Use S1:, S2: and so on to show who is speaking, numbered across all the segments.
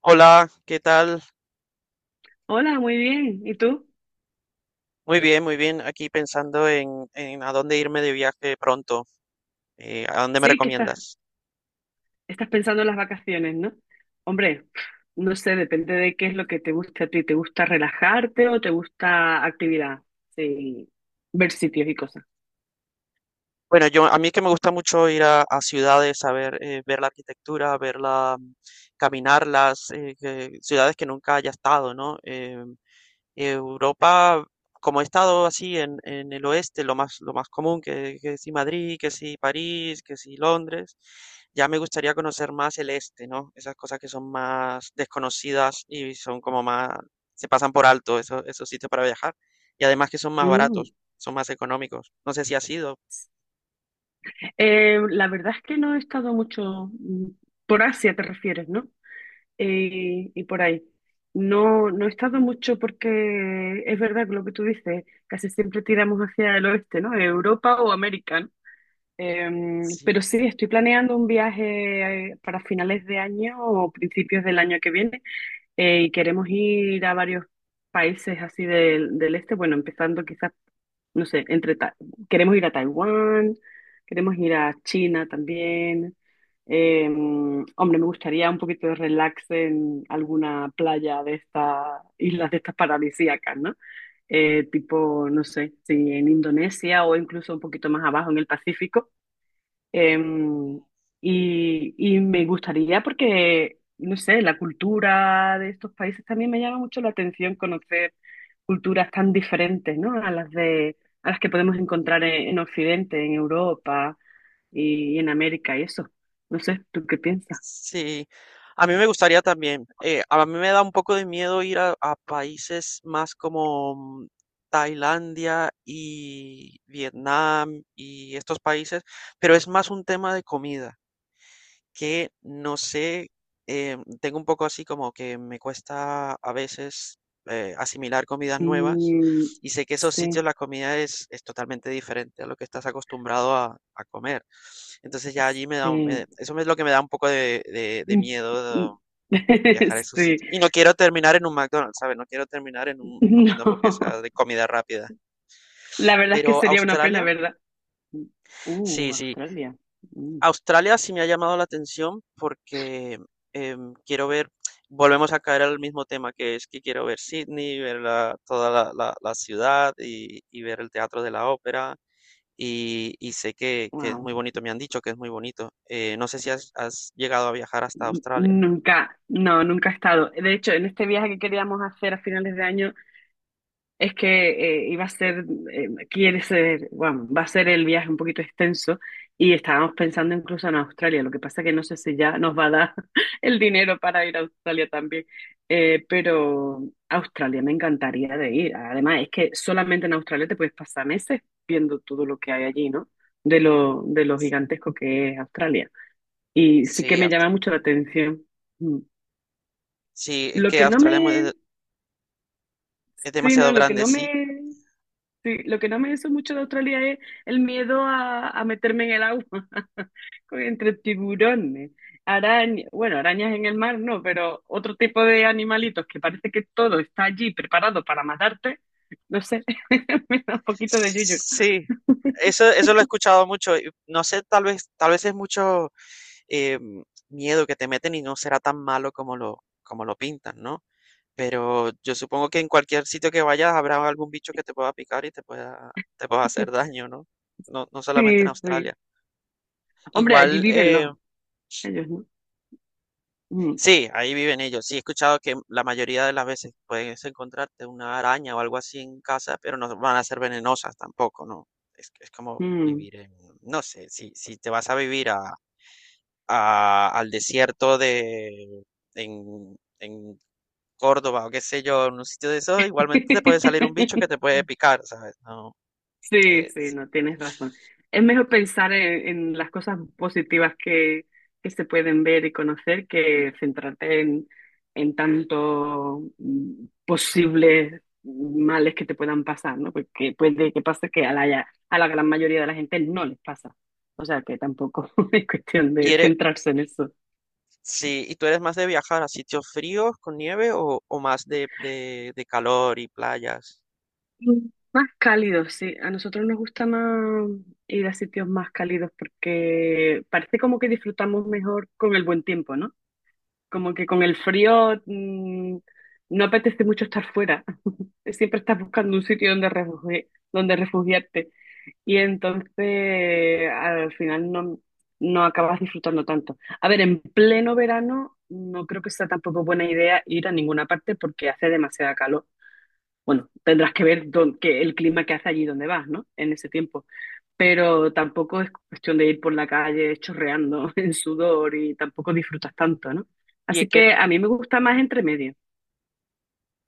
S1: Hola, ¿qué tal?
S2: Hola, muy bien. ¿Y tú?
S1: Muy bien, muy bien. Aquí pensando en a dónde irme de viaje pronto. ¿A dónde me
S2: Sí, que estás,
S1: recomiendas?
S2: estás pensando en las vacaciones, ¿no? Hombre, no sé, depende de qué es lo que te gusta a ti. ¿Te gusta relajarte o te gusta actividad? Sí, ver sitios y cosas.
S1: Bueno, yo a mí que me gusta mucho ir a ciudades, a ver, ver la arquitectura, verla, caminarlas, ciudades que nunca haya estado, ¿no? Europa, como he estado así en el oeste, lo más común, que si Madrid, que si París, que si Londres, ya me gustaría conocer más el este, ¿no? Esas cosas que son más desconocidas y son como más, se pasan por alto esos sitios para viajar. Y además que son más
S2: Mm.
S1: baratos, son más económicos. No sé si ha sido,
S2: La verdad es que no he estado mucho por Asia, te refieres, ¿no? Y por ahí. No, he estado mucho porque es verdad que lo que tú dices, casi siempre tiramos hacia el oeste, ¿no? Europa o América.
S1: sí.
S2: Pero sí, estoy planeando un viaje para finales de año o principios del año que viene y queremos ir a varios países así del este. Bueno, empezando quizás, no sé, queremos ir a Taiwán, queremos ir a China también. Hombre, me gustaría un poquito de relax en alguna playa de estas islas, de estas paradisíacas, ¿no? Tipo, no sé, si en Indonesia o incluso un poquito más abajo en el Pacífico. Em, y me gustaría porque, no sé, la cultura de estos países también me llama mucho la atención, conocer culturas tan diferentes, ¿no? A las que podemos encontrar en Occidente, en Europa y en América y eso. No sé, ¿tú qué piensas?
S1: Sí, a mí me gustaría también. A mí me da un poco de miedo ir a países más como Tailandia y Vietnam y estos países, pero es más un tema de comida. Que no sé, tengo un poco así como que me cuesta a veces asimilar comidas nuevas
S2: Mm,
S1: y sé que esos sitios
S2: sí,
S1: la comida es totalmente diferente a lo que estás acostumbrado a comer. Entonces ya allí me da, un- me-
S2: sí.
S1: eso es lo que me da un poco de
S2: Mm,
S1: miedo de
S2: mm.
S1: viajar a esos
S2: Sí.
S1: sitios. Y no quiero terminar en un McDonald's, ¿sabes? No quiero terminar comiendo
S2: No.
S1: hamburguesas de comida rápida.
S2: La verdad es que
S1: Pero
S2: sería una pena,
S1: Australia,
S2: ¿verdad?
S1: sí, sí.
S2: Australia. Mm.
S1: Australia sí me ha llamado la atención porque, em, quiero ver volvemos a caer al mismo tema, que es que quiero ver Sydney, ver la toda la la la ciudad y ver el Teatro de la Ópera, y sé que es
S2: Wow.
S1: muy bonito, me han dicho que es muy bonito. No sé si has llegado a viajar hasta Australia.
S2: Nunca, no, nunca he estado. De hecho, en este viaje que queríamos hacer a finales de año, es que iba a ser, quiere ser, bueno, va a ser el viaje un poquito extenso y estábamos pensando incluso en Australia. Lo que pasa que no sé si ya nos va a dar el dinero para ir a Australia también. Pero Australia me encantaría de ir. Además, es que solamente en Australia te puedes pasar meses viendo todo lo que hay allí, ¿no? De lo gigantesco que es Australia. Y sí que
S1: Sí,
S2: me
S1: Aust
S2: llama mucho la atención. Mm.
S1: sí, es
S2: Lo
S1: que
S2: que no
S1: Australia es muy
S2: me,
S1: de es
S2: sí, no,
S1: demasiado
S2: lo que
S1: grande,
S2: no
S1: sí.
S2: me, sí, lo que no me hizo mucho de Australia es el miedo a meterme en el agua, entre tiburones, arañas, bueno, arañas en el mar no, pero otro tipo de animalitos que parece que todo está allí preparado para matarte, no sé, me da un poquito de yuyu.
S1: Sí, eso lo he escuchado mucho, y no sé, tal vez es mucho eh, miedo que te meten y no será tan malo como lo pintan, ¿no? Pero yo supongo que en cualquier sitio que vayas habrá algún bicho que te pueda picar y te pueda hacer daño, ¿no? No, no solamente en
S2: Sí, sí.
S1: Australia.
S2: Hombre, allí
S1: Igual,
S2: viven los, ellos, ¿no? Mm,
S1: sí, ahí viven ellos. Sí, he escuchado que la mayoría de las veces puedes encontrarte una araña o algo así en casa, pero no van a ser venenosas tampoco, ¿no? Es como
S2: mm.
S1: vivir en, no sé, si te vas a vivir al desierto de, en Córdoba o qué sé yo, en un sitio de eso igualmente te puede salir un bicho que te puede picar, ¿sabes? No,
S2: Sí,
S1: eh,
S2: sí,
S1: si-
S2: no tienes razón. Es mejor pensar en las cosas positivas que se pueden ver y conocer, que centrarte en tanto posibles males que te puedan pasar, ¿no? Porque puede que pase que a a la gran mayoría de la gente no les pasa. O sea que tampoco es cuestión
S1: y
S2: de
S1: eres,
S2: centrarse en eso.
S1: sí, y tú eres más de viajar a sitios fríos con nieve o más de calor y playas.
S2: Mm, más cálidos, sí. A nosotros nos gusta más ir a sitios más cálidos porque parece como que disfrutamos mejor con el buen tiempo, ¿no? Como que con el frío no apetece mucho estar fuera. Siempre estás buscando un sitio donde refugiarte. Y entonces al final no, no acabas disfrutando tanto. A ver, en pleno verano no creo que sea tampoco buena idea ir a ninguna parte porque hace demasiada calor. Bueno, tendrás que ver dónde- que el clima que hace allí donde vas, ¿no? En ese tiempo, pero tampoco es cuestión de ir por la calle chorreando en sudor y tampoco disfrutas tanto, ¿no?
S1: ¿Y a
S2: Así
S1: qué,
S2: que a mí me gusta más entre medio.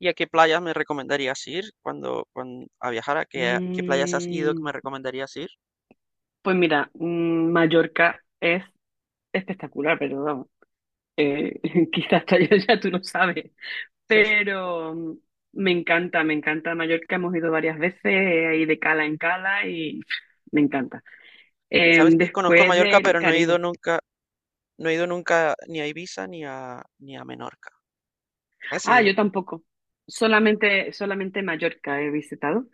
S1: y a qué playas me recomendarías ir cuando a viajar? ¿A qué playas has ido que me
S2: Mm,
S1: recomendarías ir?
S2: pues mira, mm, Mallorca es espectacular, pero vamos, eh, quizás hasta allá ya tú no sabes, pero mm, me encanta Mallorca, hemos ido varias veces, ahí de cala en cala y pff, me encanta.
S1: Sabes que conozco
S2: Después
S1: Mallorca,
S2: del
S1: pero no he ido
S2: Caribe.
S1: nunca, no he ido nunca ni a Ibiza ni a Menorca. ¿Has
S2: Ah, yo
S1: ido?
S2: tampoco. Solamente Mallorca he visitado.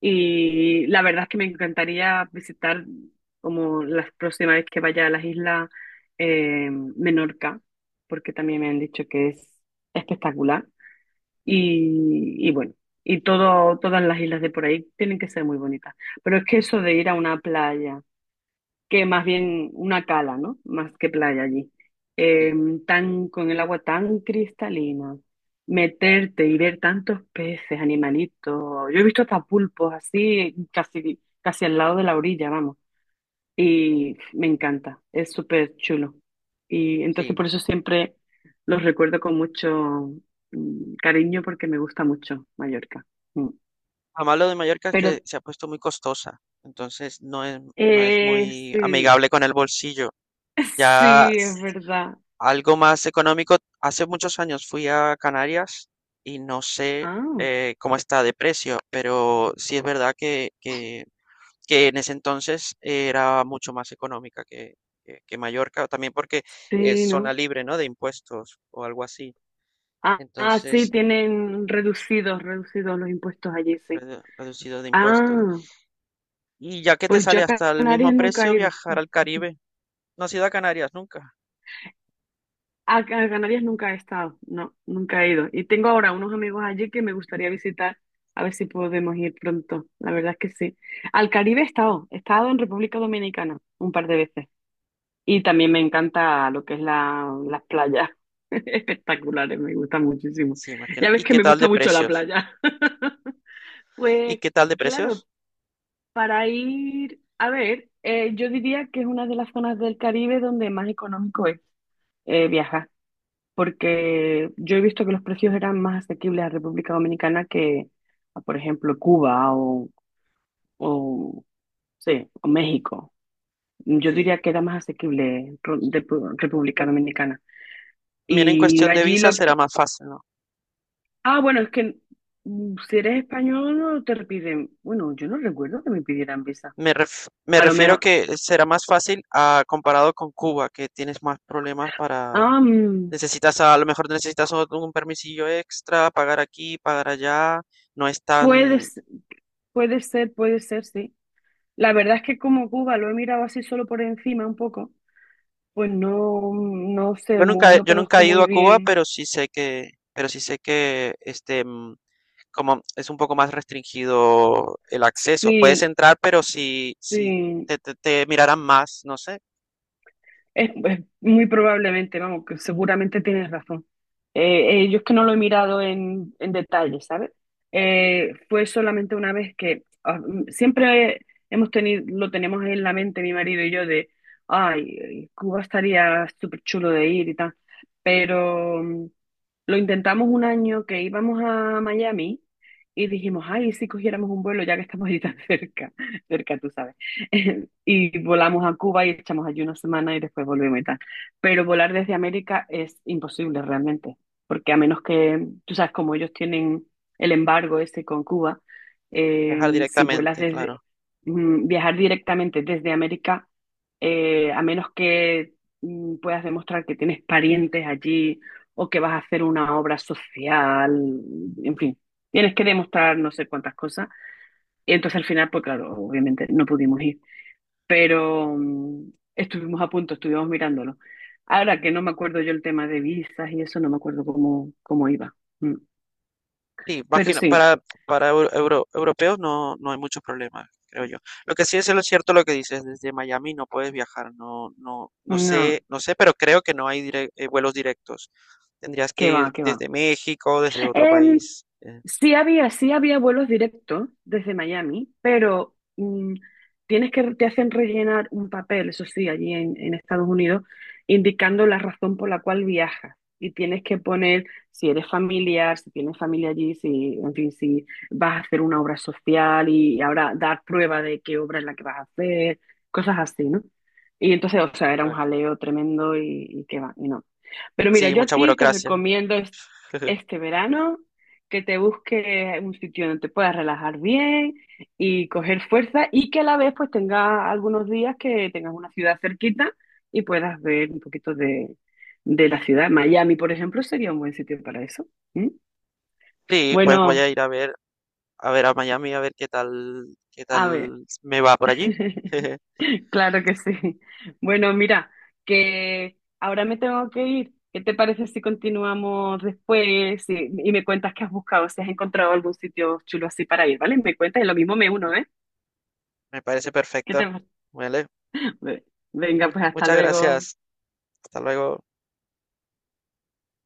S2: Y la verdad es que me encantaría visitar, como la próxima vez que vaya a las islas, Menorca, porque también me han dicho que es espectacular. Y bueno, todas las islas de por ahí tienen que ser muy bonitas. Pero es que eso de ir a una playa, que más bien una cala, ¿no? Más que playa allí. Eh,
S1: Sí,
S2: Tan, con el agua tan cristalina, meterte y ver tantos peces, animalitos. Yo he visto hasta pulpos así, casi, casi al lado de la orilla, vamos. Y me encanta, es súper chulo. Y entonces
S1: sí.
S2: por eso siempre los recuerdo con mucho cariño, porque me gusta mucho Mallorca. Mm.
S1: Lo malo de Mallorca es
S2: Pero
S1: que se ha puesto muy costosa, entonces no es muy
S2: sí,
S1: amigable con el bolsillo. Ya
S2: sí, es
S1: s-
S2: verdad.
S1: Algo más económico, hace muchos años fui a Canarias y no sé
S2: Ah.
S1: cómo está de precio, pero sí es verdad que en ese entonces era mucho más económica que Mallorca, también porque es
S2: Sí,
S1: zona
S2: ¿no?
S1: libre, ¿no? De impuestos o algo así.
S2: Ah, ah, sí,
S1: Entonces,
S2: tienen reducidos, reducidos los impuestos allí, sí.
S1: reducido de impuestos.
S2: Ah,
S1: Y ya que te
S2: pues yo
S1: sale
S2: a
S1: hasta el mismo
S2: Canarias nunca he
S1: precio,
S2: ido.
S1: viajar al Caribe. No has ido a Canarias nunca.
S2: A Canarias nunca he estado, no, nunca he ido. Y tengo ahora unos amigos allí que me gustaría visitar, a ver si podemos ir pronto. La verdad es que sí. Al Caribe he estado en República Dominicana un par de veces. Y también me encanta lo que es las playas. Espectaculares, me gusta muchísimo.
S1: Sí, imagino.
S2: Ya ves
S1: ¿Y
S2: que
S1: qué
S2: me
S1: tal de
S2: gusta mucho la
S1: precios?
S2: playa.
S1: ¿Y
S2: Pues
S1: qué tal de
S2: claro,
S1: precios?
S2: para ir, a ver, yo diría que es una de las zonas del Caribe donde más económico es viajar, porque yo he visto que los precios eran más asequibles a República Dominicana a, por ejemplo, Cuba o, sí, o México. Yo
S1: Sí.
S2: diría que era más asequible República
S1: Tam-
S2: Dominicana.
S1: También en
S2: Y
S1: cuestión de
S2: allí
S1: visa
S2: lo
S1: será
S2: que...
S1: más fácil, ¿no?
S2: Ah, bueno, es que mm, si eres español no te piden... Bueno, yo no recuerdo que me pidieran visa.
S1: Me
S2: A lo
S1: refiero
S2: mejor...
S1: que será más fácil comparado con Cuba, que tienes más problemas para.
S2: Ah, mm,
S1: A lo mejor necesitas un permisillo extra, pagar aquí, pagar allá. No es tan,
S2: puedes, puede ser, puede ser, sí. La verdad es que como Cuba lo he mirado así solo por encima un poco, pues no, no sé,
S1: Yo nunca, he-
S2: no
S1: yo nunca
S2: conozco
S1: he ido
S2: muy
S1: a Cuba,
S2: bien.
S1: pero sí sé que, pero sí sé que este, como es un poco más restringido el acceso. Puedes
S2: Sí,
S1: entrar, pero si
S2: sí.
S1: te mirarán más, no sé,
S2: Es muy probablemente, vamos, que seguramente tienes razón. Yo es que no lo he mirado en detalle, ¿sabes? Fue solamente una vez que ah, mm, siempre hemos tenido, lo tenemos en la mente mi marido y yo de, ay, Cuba estaría súper chulo de ir y tal, pero... mm, lo intentamos un año que íbamos a Miami y dijimos, ay, ¿y si cogiéramos un vuelo ya que estamos ahí tan cerca, cerca, tú sabes. Y volamos a Cuba y echamos allí una semana y después volvemos y tal. Pero volar desde América es imposible realmente, porque a menos que, tú sabes, como ellos tienen el embargo este con Cuba,
S1: viajar
S2: si vuelas
S1: directamente,
S2: desde,
S1: claro.
S2: mm, viajar directamente desde América, a menos que mm, puedas demostrar que tienes parientes allí o que vas a hacer una obra social, en fin, tienes que demostrar no sé cuántas cosas. Y entonces al final, pues claro, obviamente no pudimos ir, pero mm, estuvimos a punto, estuvimos mirándolo. Ahora que no me acuerdo yo el tema de visas y eso, no me acuerdo cómo iba. Mm.
S1: Sí,
S2: Pero
S1: imagino,
S2: sí,
S1: europeos no hay muchos problemas, creo yo. Lo que sí es lo cierto lo que dices, desde Miami no puedes viajar, no, no, no
S2: no,
S1: sé, no sé, pero creo que no hay vuelos directos. Tendrías que
S2: que va,
S1: ir
S2: que va.
S1: desde México, desde otro
S2: Em,
S1: país.
S2: sí había vuelos directos desde Miami, pero mm, tienes que, te hacen rellenar un papel, eso sí, allí en Estados Unidos, indicando la razón por la cual viajas. Y tienes que poner si eres familiar, si tienes familia allí, si, en fin, si vas a hacer una obra social y ahora dar prueba de qué obra es la que vas a hacer, cosas así, ¿no? Y entonces, o sea, era un
S1: eh.
S2: jaleo tremendo y que va, y no. Pero mira,
S1: Sí,
S2: yo a
S1: mucha
S2: ti te
S1: burocracia.
S2: recomiendo este verano, que te busques un sitio donde te puedas relajar bien y coger fuerza y que a la vez pues tengas algunos días que tengas una ciudad cerquita y puedas ver un poquito de la ciudad. Miami, por ejemplo, sería un buen sitio para eso. ¿Mm?
S1: Sí, pues voy
S2: Bueno,
S1: a ir a ver, a Miami, a ver qué tal, qué
S2: a ver.
S1: tal me va por allí.
S2: Claro que sí. Bueno, mira, que ahora me tengo que ir. ¿Qué te parece si continuamos después y me cuentas qué has buscado, si has encontrado algún sitio chulo así para ir, ¿vale? Me cuentas y lo mismo me uno, ¿eh?
S1: Me parece
S2: ¿Qué te...
S1: perfecto. Vale.
S2: Venga, pues hasta
S1: Muchas
S2: luego.
S1: gracias. Hasta luego.